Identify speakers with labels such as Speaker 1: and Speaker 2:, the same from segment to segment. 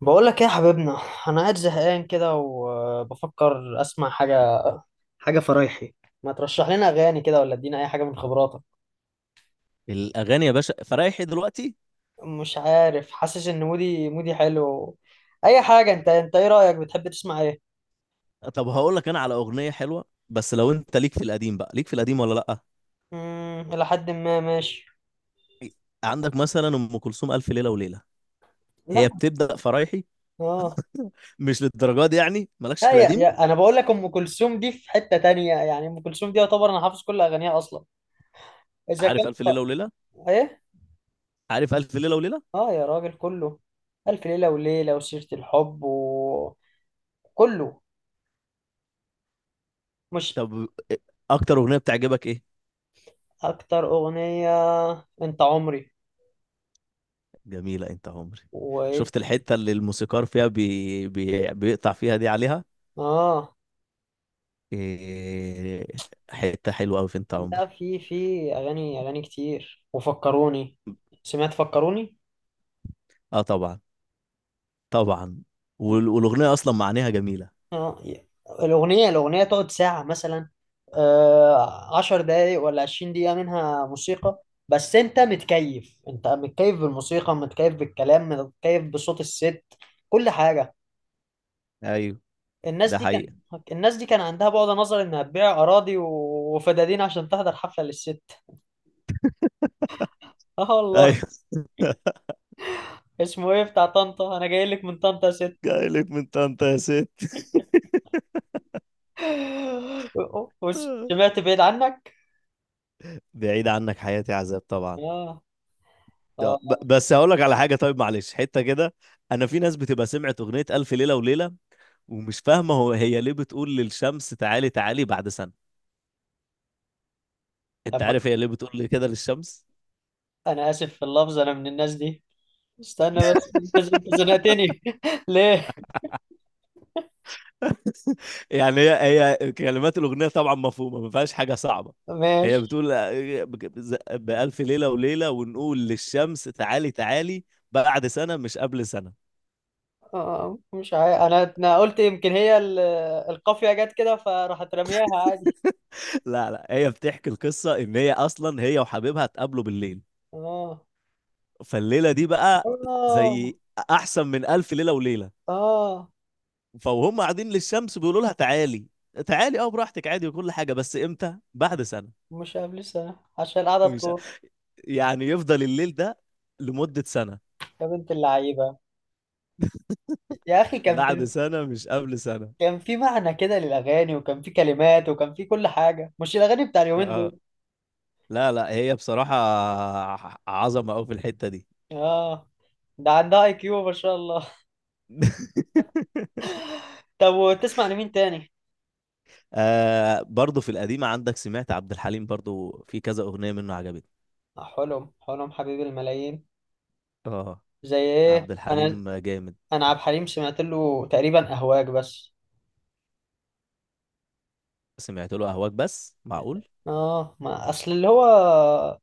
Speaker 1: بقول لك ايه يا حبيبنا؟ انا قاعد زهقان كده وبفكر اسمع حاجه فرايحي. ما ترشح لنا اغاني كده؟ ولا ادينا اي حاجه من خبراتك.
Speaker 2: الاغاني يا باشا فرايحي دلوقتي؟
Speaker 1: مش عارف، حاسس ان مودي حلو. اي حاجه، انت ايه رايك؟ بتحب تسمع ايه؟
Speaker 2: طب هقول لك انا على اغنيه حلوه، بس لو انت ليك في القديم بقى ليك في القديم ولا لا؟
Speaker 1: الى حد ما ماشي.
Speaker 2: عندك مثلا ام كلثوم الف ليله وليله. هي
Speaker 1: لا.
Speaker 2: بتبدا فرايحي.
Speaker 1: اه.
Speaker 2: مش للدرجه دي يعني؟ مالكش
Speaker 1: لا،
Speaker 2: في
Speaker 1: يا
Speaker 2: القديم؟
Speaker 1: يا انا بقول لك، ام كلثوم دي في حته تانية. يعني ام كلثوم دي يعتبر انا حافظ كل اغانيها اصلا. اذا كان
Speaker 2: عارف الف ليله
Speaker 1: ف-
Speaker 2: وليله؟
Speaker 1: ايه.
Speaker 2: عارف الف ليله وليله؟
Speaker 1: اه يا راجل، كله. الف ليله وليله وسيره الحب وكله. مش
Speaker 2: طب اكتر اغنيه بتعجبك ايه؟
Speaker 1: اكتر اغنية؟ انت عمري.
Speaker 2: جميله انت عمري.
Speaker 1: وايه؟
Speaker 2: شفت الحته اللي الموسيقار فيها بيقطع فيها دي عليها؟
Speaker 1: اه.
Speaker 2: إيه... حته حلوه قوي في انت
Speaker 1: لا،
Speaker 2: عمري.
Speaker 1: في اغاني كتير وفكروني. سمعت فكروني.
Speaker 2: اه طبعا، طبعا. والاغنيه اصلا معانيها جميله.
Speaker 1: اه. الاغنية تقعد ساعة مثلا. آه، 10 دقايق ولا 20 دقيقة منها موسيقى. بس انت متكيف بالموسيقى، متكيف بالكلام، متكيف بصوت الست. كل حاجة.
Speaker 2: ايوه،
Speaker 1: الناس
Speaker 2: ده
Speaker 1: دي كان
Speaker 2: حقيقة.
Speaker 1: الناس دي كان عندها بعد نظر انها تبيع اراضي وفدادين عشان تحضر حفلة للست. اه والله.
Speaker 2: ايوه.
Speaker 1: اسمه ايه بتاع طنطا؟ انا جاي لك من طنطا يا ست.
Speaker 2: جايلك من طنطا يا ست.
Speaker 1: سمعت بعيد عنك.
Speaker 2: بعيد عنك حياتي عذاب طبعا.
Speaker 1: اه. اه.
Speaker 2: بس هقول لك على حاجة، طيب معلش، حتة كده. انا في ناس بتبقى سمعت اغنية ألف ليلة وليلة ومش فاهمة هو ليه بتقول للشمس تعالي تعالي بعد سنة. انت
Speaker 1: طب،
Speaker 2: عارف هي ليه بتقول لي كده للشمس؟
Speaker 1: انا اسف في اللفظ، انا من الناس دي. استنى بس، انت زنقتني ليه؟
Speaker 2: يعني هي كلمات الأغنية طبعا مفهومة، ما فيهاش حاجة صعبة. هي
Speaker 1: ماشي.
Speaker 2: بتقول آه، بألف ليلة وليلة ونقول للشمس تعالي تعالي بعد سنة، مش قبل سنة.
Speaker 1: آه، مش عارف، انا قلت يمكن هي القافية جت كده فراحت رمياها عادي.
Speaker 2: لا لا، هي بتحكي القصة إن هي أصلا هي وحبيبها اتقابلوا بالليل.
Speaker 1: اه.
Speaker 2: فالليلة دي بقى
Speaker 1: اه.
Speaker 2: زي أحسن من ألف ليلة وليلة.
Speaker 1: اه.
Speaker 2: فهم قاعدين للشمس بيقولوا لها تعالي تعالي، أه براحتك عادي وكل حاجة، بس إمتى؟ بعد سنة
Speaker 1: مش قبل سنة عشان قاعدة
Speaker 2: مش
Speaker 1: تطول.
Speaker 2: يعني يفضل الليل ده لمدة سنة.
Speaker 1: يا بنت اللعيبة. يا اخي، كان
Speaker 2: بعد سنة مش قبل سنة.
Speaker 1: كان في معنى كده للأغاني، وكان في كلمات، وكان في كل حاجة، مش الأغاني بتاع اليومين
Speaker 2: أه
Speaker 1: دول.
Speaker 2: لا لا، هي بصراحة عظمة أوي في الحتة دي.
Speaker 1: آه، ده عندها IQ ما شاء الله. طب، وتسمع لمين تاني؟
Speaker 2: آه، برضه في القديمة عندك سمعت عبد الحليم، برضه في كذا أغنية منه عجبتني.
Speaker 1: آه، حلم حبيب الملايين.
Speaker 2: اه،
Speaker 1: زي ايه؟
Speaker 2: عبد
Speaker 1: أنا،
Speaker 2: الحليم جامد.
Speaker 1: أنا عبد الحليم سمعت له تقريبا أهواك بس.
Speaker 2: سمعت له اهواك بس؟ معقول.
Speaker 1: آه، ما أصل اللي هو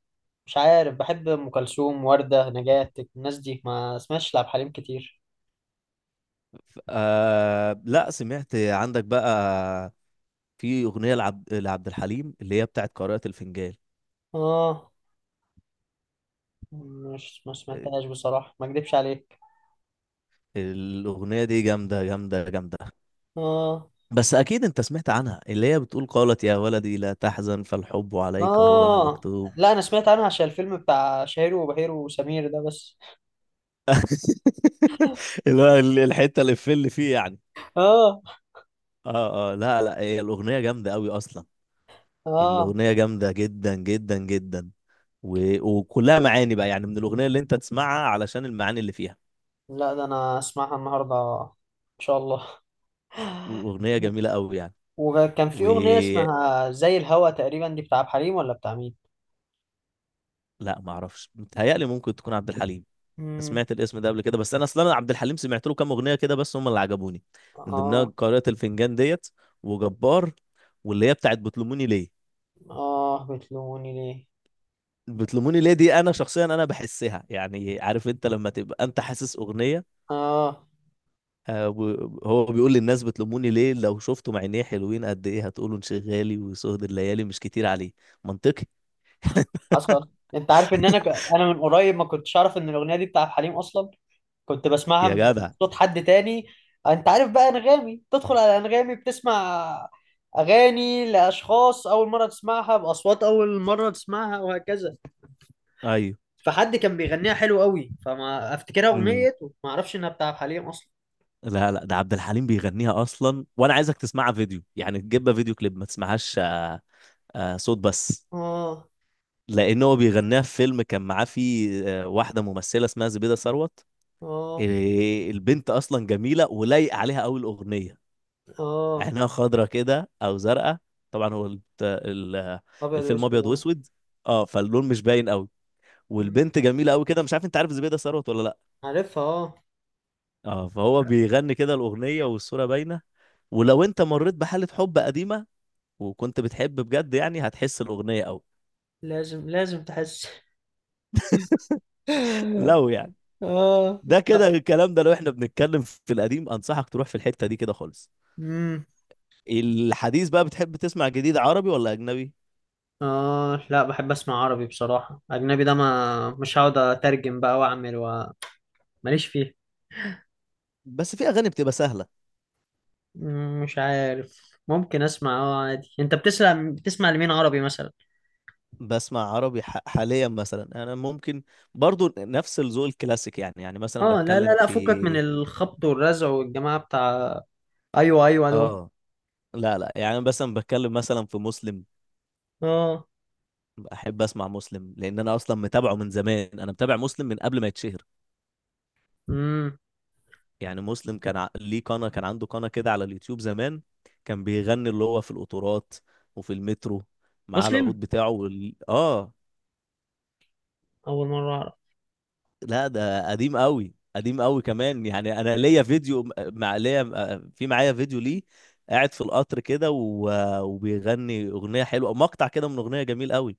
Speaker 1: مش عارف، بحب أم كلثوم وردة نجاة، الناس دي، ما سمعتش لعبد الحليم كتير.
Speaker 2: آه لا سمعت. عندك بقى في اغنيه لعبد الحليم اللي هي بتاعت قارئة الفنجان.
Speaker 1: آه. مش ما
Speaker 2: آه،
Speaker 1: سمعتهاش بصراحة، ما أكدبش عليك.
Speaker 2: الاغنيه دي جامده جامده جامده.
Speaker 1: آه.
Speaker 2: بس اكيد انت سمعت عنها، اللي هي بتقول قالت يا ولدي لا تحزن، فالحب عليك هو
Speaker 1: اه،
Speaker 2: المكتوب.
Speaker 1: لا، انا سمعت عنها عشان الفيلم بتاع شهير وبهير وسمير ده بس.
Speaker 2: اللي هو الحته اللي في اللي فيه يعني.
Speaker 1: اه.
Speaker 2: اه اه، لا لا، هي الاغنيه جامده قوي اصلا.
Speaker 1: اه،
Speaker 2: الاغنيه جامده جدا جدا جدا. وكلها معاني بقى، يعني من الأغنية اللي أنت تسمعها علشان المعاني اللي فيها.
Speaker 1: لا، ده انا اسمعها النهارده ان شاء الله.
Speaker 2: أغنية جميلة قوي يعني.
Speaker 1: وكان في
Speaker 2: و
Speaker 1: اغنيه اسمها زي الهوا تقريبا، دي بتاع عبد الحليم ولا بتاع مين؟
Speaker 2: لا ما اعرفش، متهيألي ممكن تكون عبد الحليم. أنا
Speaker 1: مم.
Speaker 2: سمعت الاسم ده قبل كده، بس انا اصلا أنا عبد الحليم سمعت له كام اغنيه كده بس هم اللي عجبوني. من ضمنها
Speaker 1: اه.
Speaker 2: قارئة الفنجان ديت، وجبار، واللي هي بتاعت بتلوموني ليه.
Speaker 1: اه، بتلوموني ليه.
Speaker 2: بتلوموني ليه دي انا شخصيا انا بحسها، يعني عارف انت لما تبقى انت حاسس اغنيه؟
Speaker 1: اه.
Speaker 2: آه، هو بيقول للناس بتلوموني ليه، لو شفتوا عينيه حلوين قد ايه هتقولوا انشغالي وسهد الليالي مش كتير عليه. منطقي.
Speaker 1: حصل، انت عارف ان انا من قريب ما كنتش اعرف ان الاغنيه دي بتاع عبد الحليم اصلا. كنت بسمعها
Speaker 2: يا
Speaker 1: من
Speaker 2: جدع،
Speaker 1: صوت حد تاني. انت عارف بقى انغامي، تدخل على انغامي بتسمع اغاني لاشخاص اول مره تسمعها، باصوات اول مره تسمعها، وهكذا.
Speaker 2: ايوه.
Speaker 1: فحد كان بيغنيها حلو قوي، فما افتكرها
Speaker 2: امم
Speaker 1: اغنيه وما اعرفش انها بتاع حليم اصلا.
Speaker 2: لا لا، ده عبد الحليم بيغنيها اصلا، وانا عايزك تسمعها فيديو يعني، تجيبها فيديو كليب، ما تسمعهاش آه، آه، صوت بس.
Speaker 1: اه.
Speaker 2: لان هو بيغنيها في فيلم كان معاه فيه آه، واحده ممثله اسمها زبيده ثروت.
Speaker 1: اه.
Speaker 2: آه، البنت اصلا جميله ولايق عليها قوي الاغنيه.
Speaker 1: اه.
Speaker 2: عينها خضرة كده او زرقاء. طبعا هو
Speaker 1: ابيض
Speaker 2: الفيلم
Speaker 1: واسود
Speaker 2: ابيض
Speaker 1: اه.
Speaker 2: واسود، اه فاللون مش باين قوي.
Speaker 1: مم.
Speaker 2: والبنت جميلة قوي كده، مش عارف انت عارف زبيدة ثروت ولا لا.
Speaker 1: عارفها اه.
Speaker 2: اه فهو بيغني كده الأغنية والصورة باينة. ولو انت مريت بحالة حب قديمة وكنت بتحب بجد يعني هتحس الأغنية قوي.
Speaker 1: لازم لازم تحس.
Speaker 2: لو يعني، ده كده الكلام ده لو احنا بنتكلم في القديم انصحك تروح في الحتة دي كده خالص.
Speaker 1: اه.
Speaker 2: الحديث بقى بتحب تسمع جديد عربي ولا أجنبي؟
Speaker 1: آه، لا، بحب أسمع عربي بصراحة. أجنبي ده ما مش هقعد أترجم بقى ماليش فيه.
Speaker 2: بس في أغاني بتبقى سهلة.
Speaker 1: مش عارف، ممكن أسمع أه عادي. أنت بتسمع لمين عربي مثلا؟
Speaker 2: بسمع عربي، حاليا مثلا انا ممكن برضو نفس الذوق الكلاسيك يعني، يعني مثلا
Speaker 1: آه، لا لا
Speaker 2: بتكلم
Speaker 1: لا، فكك من
Speaker 2: في،
Speaker 1: الخبط والرزع والجماعة بتاع. أيوه، أيوه دول.
Speaker 2: اه لا لا، يعني أنا مثلا بتكلم مثلا في مسلم.
Speaker 1: آه.
Speaker 2: احب اسمع مسلم لان انا اصلا متابعه من زمان، انا متابع مسلم من قبل ما يتشهر.
Speaker 1: مم.
Speaker 2: يعني مسلم كان ليه قناة، كان عنده قناة كده على اليوتيوب زمان. كان بيغني اللي هو في القطورات وفي المترو مع
Speaker 1: مسلم؟
Speaker 2: العود بتاعه اه.
Speaker 1: أول مرة أعرف.
Speaker 2: لا ده قديم قوي، قديم قوي كمان، يعني انا ليا فيديو مع ليا آه، في معايا فيديو ليه قاعد في القطر كده وبيغني اغنيه حلوه، مقطع كده من اغنيه جميل قوي.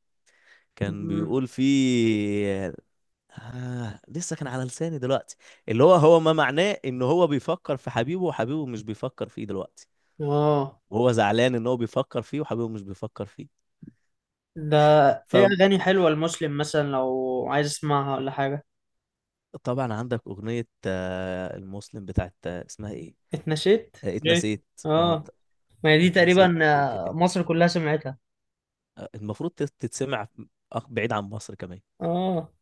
Speaker 2: كان
Speaker 1: مم.
Speaker 2: بيقول فيه آه لسه كان على لساني دلوقتي، اللي هو ما معناه ان هو بيفكر في حبيبه وحبيبه مش بيفكر فيه دلوقتي،
Speaker 1: آه.
Speaker 2: وهو زعلان ان هو بيفكر فيه وحبيبه مش بيفكر فيه.
Speaker 1: ده إيه أغاني حلوة لمسلم مثلا لو عايز أسمعها ولا حاجة؟
Speaker 2: فطبعا عندك اغنيه آه، المسلم بتاعت آه، اسمها ايه،
Speaker 1: اتنسيت؟
Speaker 2: آه،
Speaker 1: ليه؟
Speaker 2: اتنسيت. اه،
Speaker 1: آه، ما هي دي
Speaker 2: اتنسيت،
Speaker 1: تقريبا.
Speaker 2: اوكي.
Speaker 1: آه، مصر كلها سمعتها.
Speaker 2: آه، المفروض تتسمع. بعيد عن مصر كمان.
Speaker 1: اه.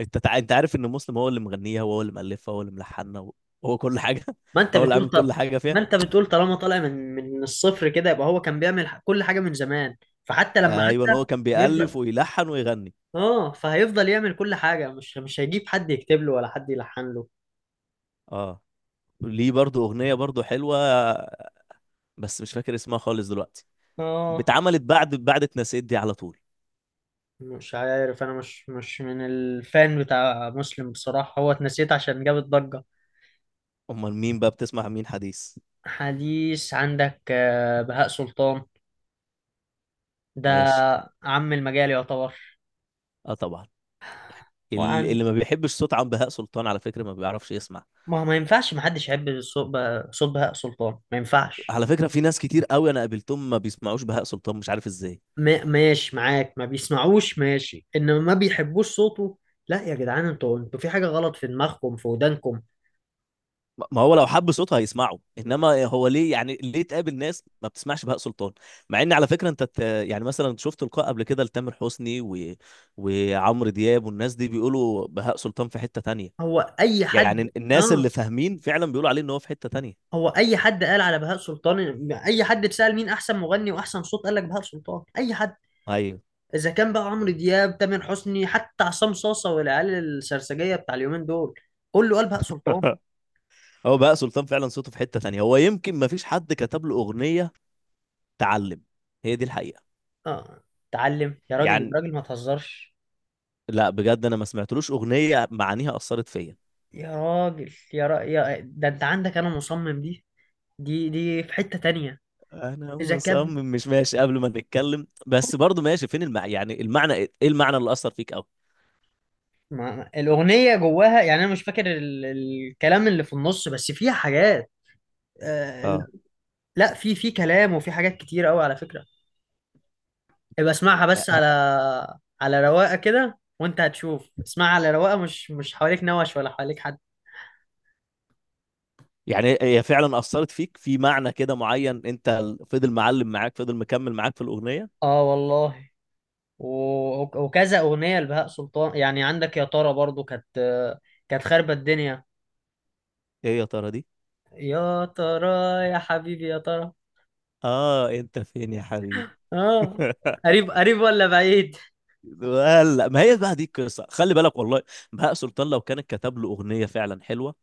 Speaker 2: انت عارف ان مسلم هو اللي مغنيها وهو اللي مؤلفها وهو اللي ملحنها وهو كل حاجه.
Speaker 1: ما انت
Speaker 2: هو اللي
Speaker 1: بتقول
Speaker 2: عامل
Speaker 1: ط...
Speaker 2: كل حاجه فيها.
Speaker 1: ما انت بتقول، طالما طالع من الصفر كده، يبقى هو كان بيعمل كل حاجه من زمان، فحتى لما
Speaker 2: آه، ايوه، هو
Speaker 1: عدى
Speaker 2: كان بيألف
Speaker 1: بيفضل.
Speaker 2: ويلحن ويغني.
Speaker 1: اه، فهيفضل يعمل كل حاجه، مش هيجيب حد يكتب له ولا حد يلحن له.
Speaker 2: اه ليه برضو اغنيه برضو حلوه، بس مش فاكر اسمها خالص دلوقتي.
Speaker 1: اه.
Speaker 2: اتعملت بعد اتنسيت دي على طول.
Speaker 1: مش عارف، انا مش من الفان بتاع مسلم بصراحه، هو اتنسيت عشان جاب الضجه.
Speaker 2: امال مين بقى، بتسمع مين حديث؟
Speaker 1: حديث عندك، بهاء سلطان ده
Speaker 2: ماشي.
Speaker 1: عم المجال يعتبر.
Speaker 2: اه طبعا.
Speaker 1: وعن،
Speaker 2: اللي ما بيحبش صوت عم بهاء سلطان على فكره ما بيعرفش يسمع.
Speaker 1: ما ينفعش محدش يحب صوت بهاء سلطان ما ينفعش.
Speaker 2: على فكرة في ناس كتير قوي انا قابلتهم ما بيسمعوش بهاء سلطان، مش عارف ازاي.
Speaker 1: ماشي معاك ما بيسمعوش، ماشي، انما ما بيحبوش صوته، لا يا جدعان، انتوا في حاجة غلط في دماغكم، في ودانكم.
Speaker 2: ما هو لو حب صوتها هيسمعه، انما هو ليه يعني ليه تقابل ناس ما بتسمعش بهاء سلطان؟ مع ان على فكرة يعني مثلا شفت لقاء قبل كده لتامر حسني وعمرو دياب والناس دي بيقولوا بهاء سلطان في حتة تانية.
Speaker 1: هو اي حد
Speaker 2: يعني الناس اللي
Speaker 1: اه،
Speaker 2: فاهمين فعلا بيقولوا عليه ان هو في حتة تانية.
Speaker 1: هو اي حد قال على بهاء سلطان؟ اي حد اتسأل مين احسن مغني واحسن صوت قال لك بهاء سلطان، اي حد.
Speaker 2: ايوه.
Speaker 1: اذا كان بقى عمرو دياب، تامر حسني، حتى عصام صاصة والعيال السرسجية بتاع اليومين دول، كله قال بهاء سلطان.
Speaker 2: هو بهاء سلطان فعلا صوته في حتة تانية، هو يمكن ما فيش حد كتب له أغنية. تعلم، هي دي الحقيقة
Speaker 1: اه. اتعلم يا راجل. يا
Speaker 2: يعني.
Speaker 1: راجل ما تهزرش.
Speaker 2: لا بجد انا ما سمعتلوش أغنية معانيها أثرت فيا.
Speaker 1: يا راجل، يا, را... يا ده انت عندك، انا مصمم. دي دي في حتة تانية.
Speaker 2: انا
Speaker 1: جاكات.
Speaker 2: مصمم مش ماشي قبل ما نتكلم، بس برضو ماشي، فين يعني المعنى ايه، إيه المعنى اللي اثر فيك قوي؟
Speaker 1: ما الأغنية جواها يعني، أنا مش فاكر الكلام اللي في النص، بس فيها حاجات. آه...
Speaker 2: اه
Speaker 1: ال- لا، في كلام وفي حاجات كتير قوي على فكرة. ابقى اسمعها بس
Speaker 2: ه-
Speaker 1: على على رواقة كده وأنت هتشوف. اسمعها على رواقة، مش حواليك نوش، ولا حواليك حد.
Speaker 2: يعني هي فعلا اثرت فيك في معنى كده معين؟ انت فضل معلم معاك، فضل مكمل معاك في الاغنيه؟
Speaker 1: آه والله، و... وكذا أغنية لبهاء سلطان يعني عندك يا ترى، برضو كانت خاربة الدنيا.
Speaker 2: ايه يا ترى دي؟
Speaker 1: يا ترى، يا حبيبي يا ترى.
Speaker 2: اه انت فين يا حبيبي.
Speaker 1: آه. قريب قريب ولا بعيد؟
Speaker 2: ولا ما هي بقى دي القصه، خلي بالك والله. بهاء سلطان لو كان كتب له اغنيه فعلا حلوه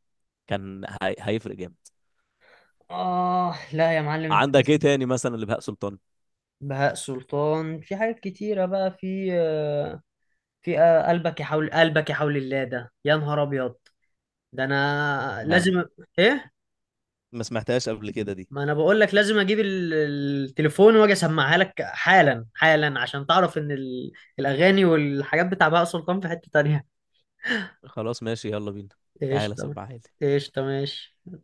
Speaker 2: كان هيفرق جامد.
Speaker 1: آه. لا يا معلم، أنت
Speaker 2: عندك ايه
Speaker 1: لازم.
Speaker 2: تاني مثلا لبهاء سلطان؟
Speaker 1: بهاء سلطان في حاجات كتيرة بقى، في قلبك يا حول، قلبك يا حول الله ده، يا نهار أبيض. ده أنا
Speaker 2: لا
Speaker 1: لازم إيه؟
Speaker 2: ما سمعتهاش قبل كده دي.
Speaker 1: ما أنا بقول لك لازم أجيب التليفون وأجي أسمعها لك حالا حالا، عشان تعرف إن الأغاني والحاجات بتاع بهاء سلطان في حتة تانية.
Speaker 2: خلاص ماشي، يلا بينا،
Speaker 1: إيش
Speaker 2: تعالى
Speaker 1: تمام.
Speaker 2: سمعها لي.
Speaker 1: إيش تمام.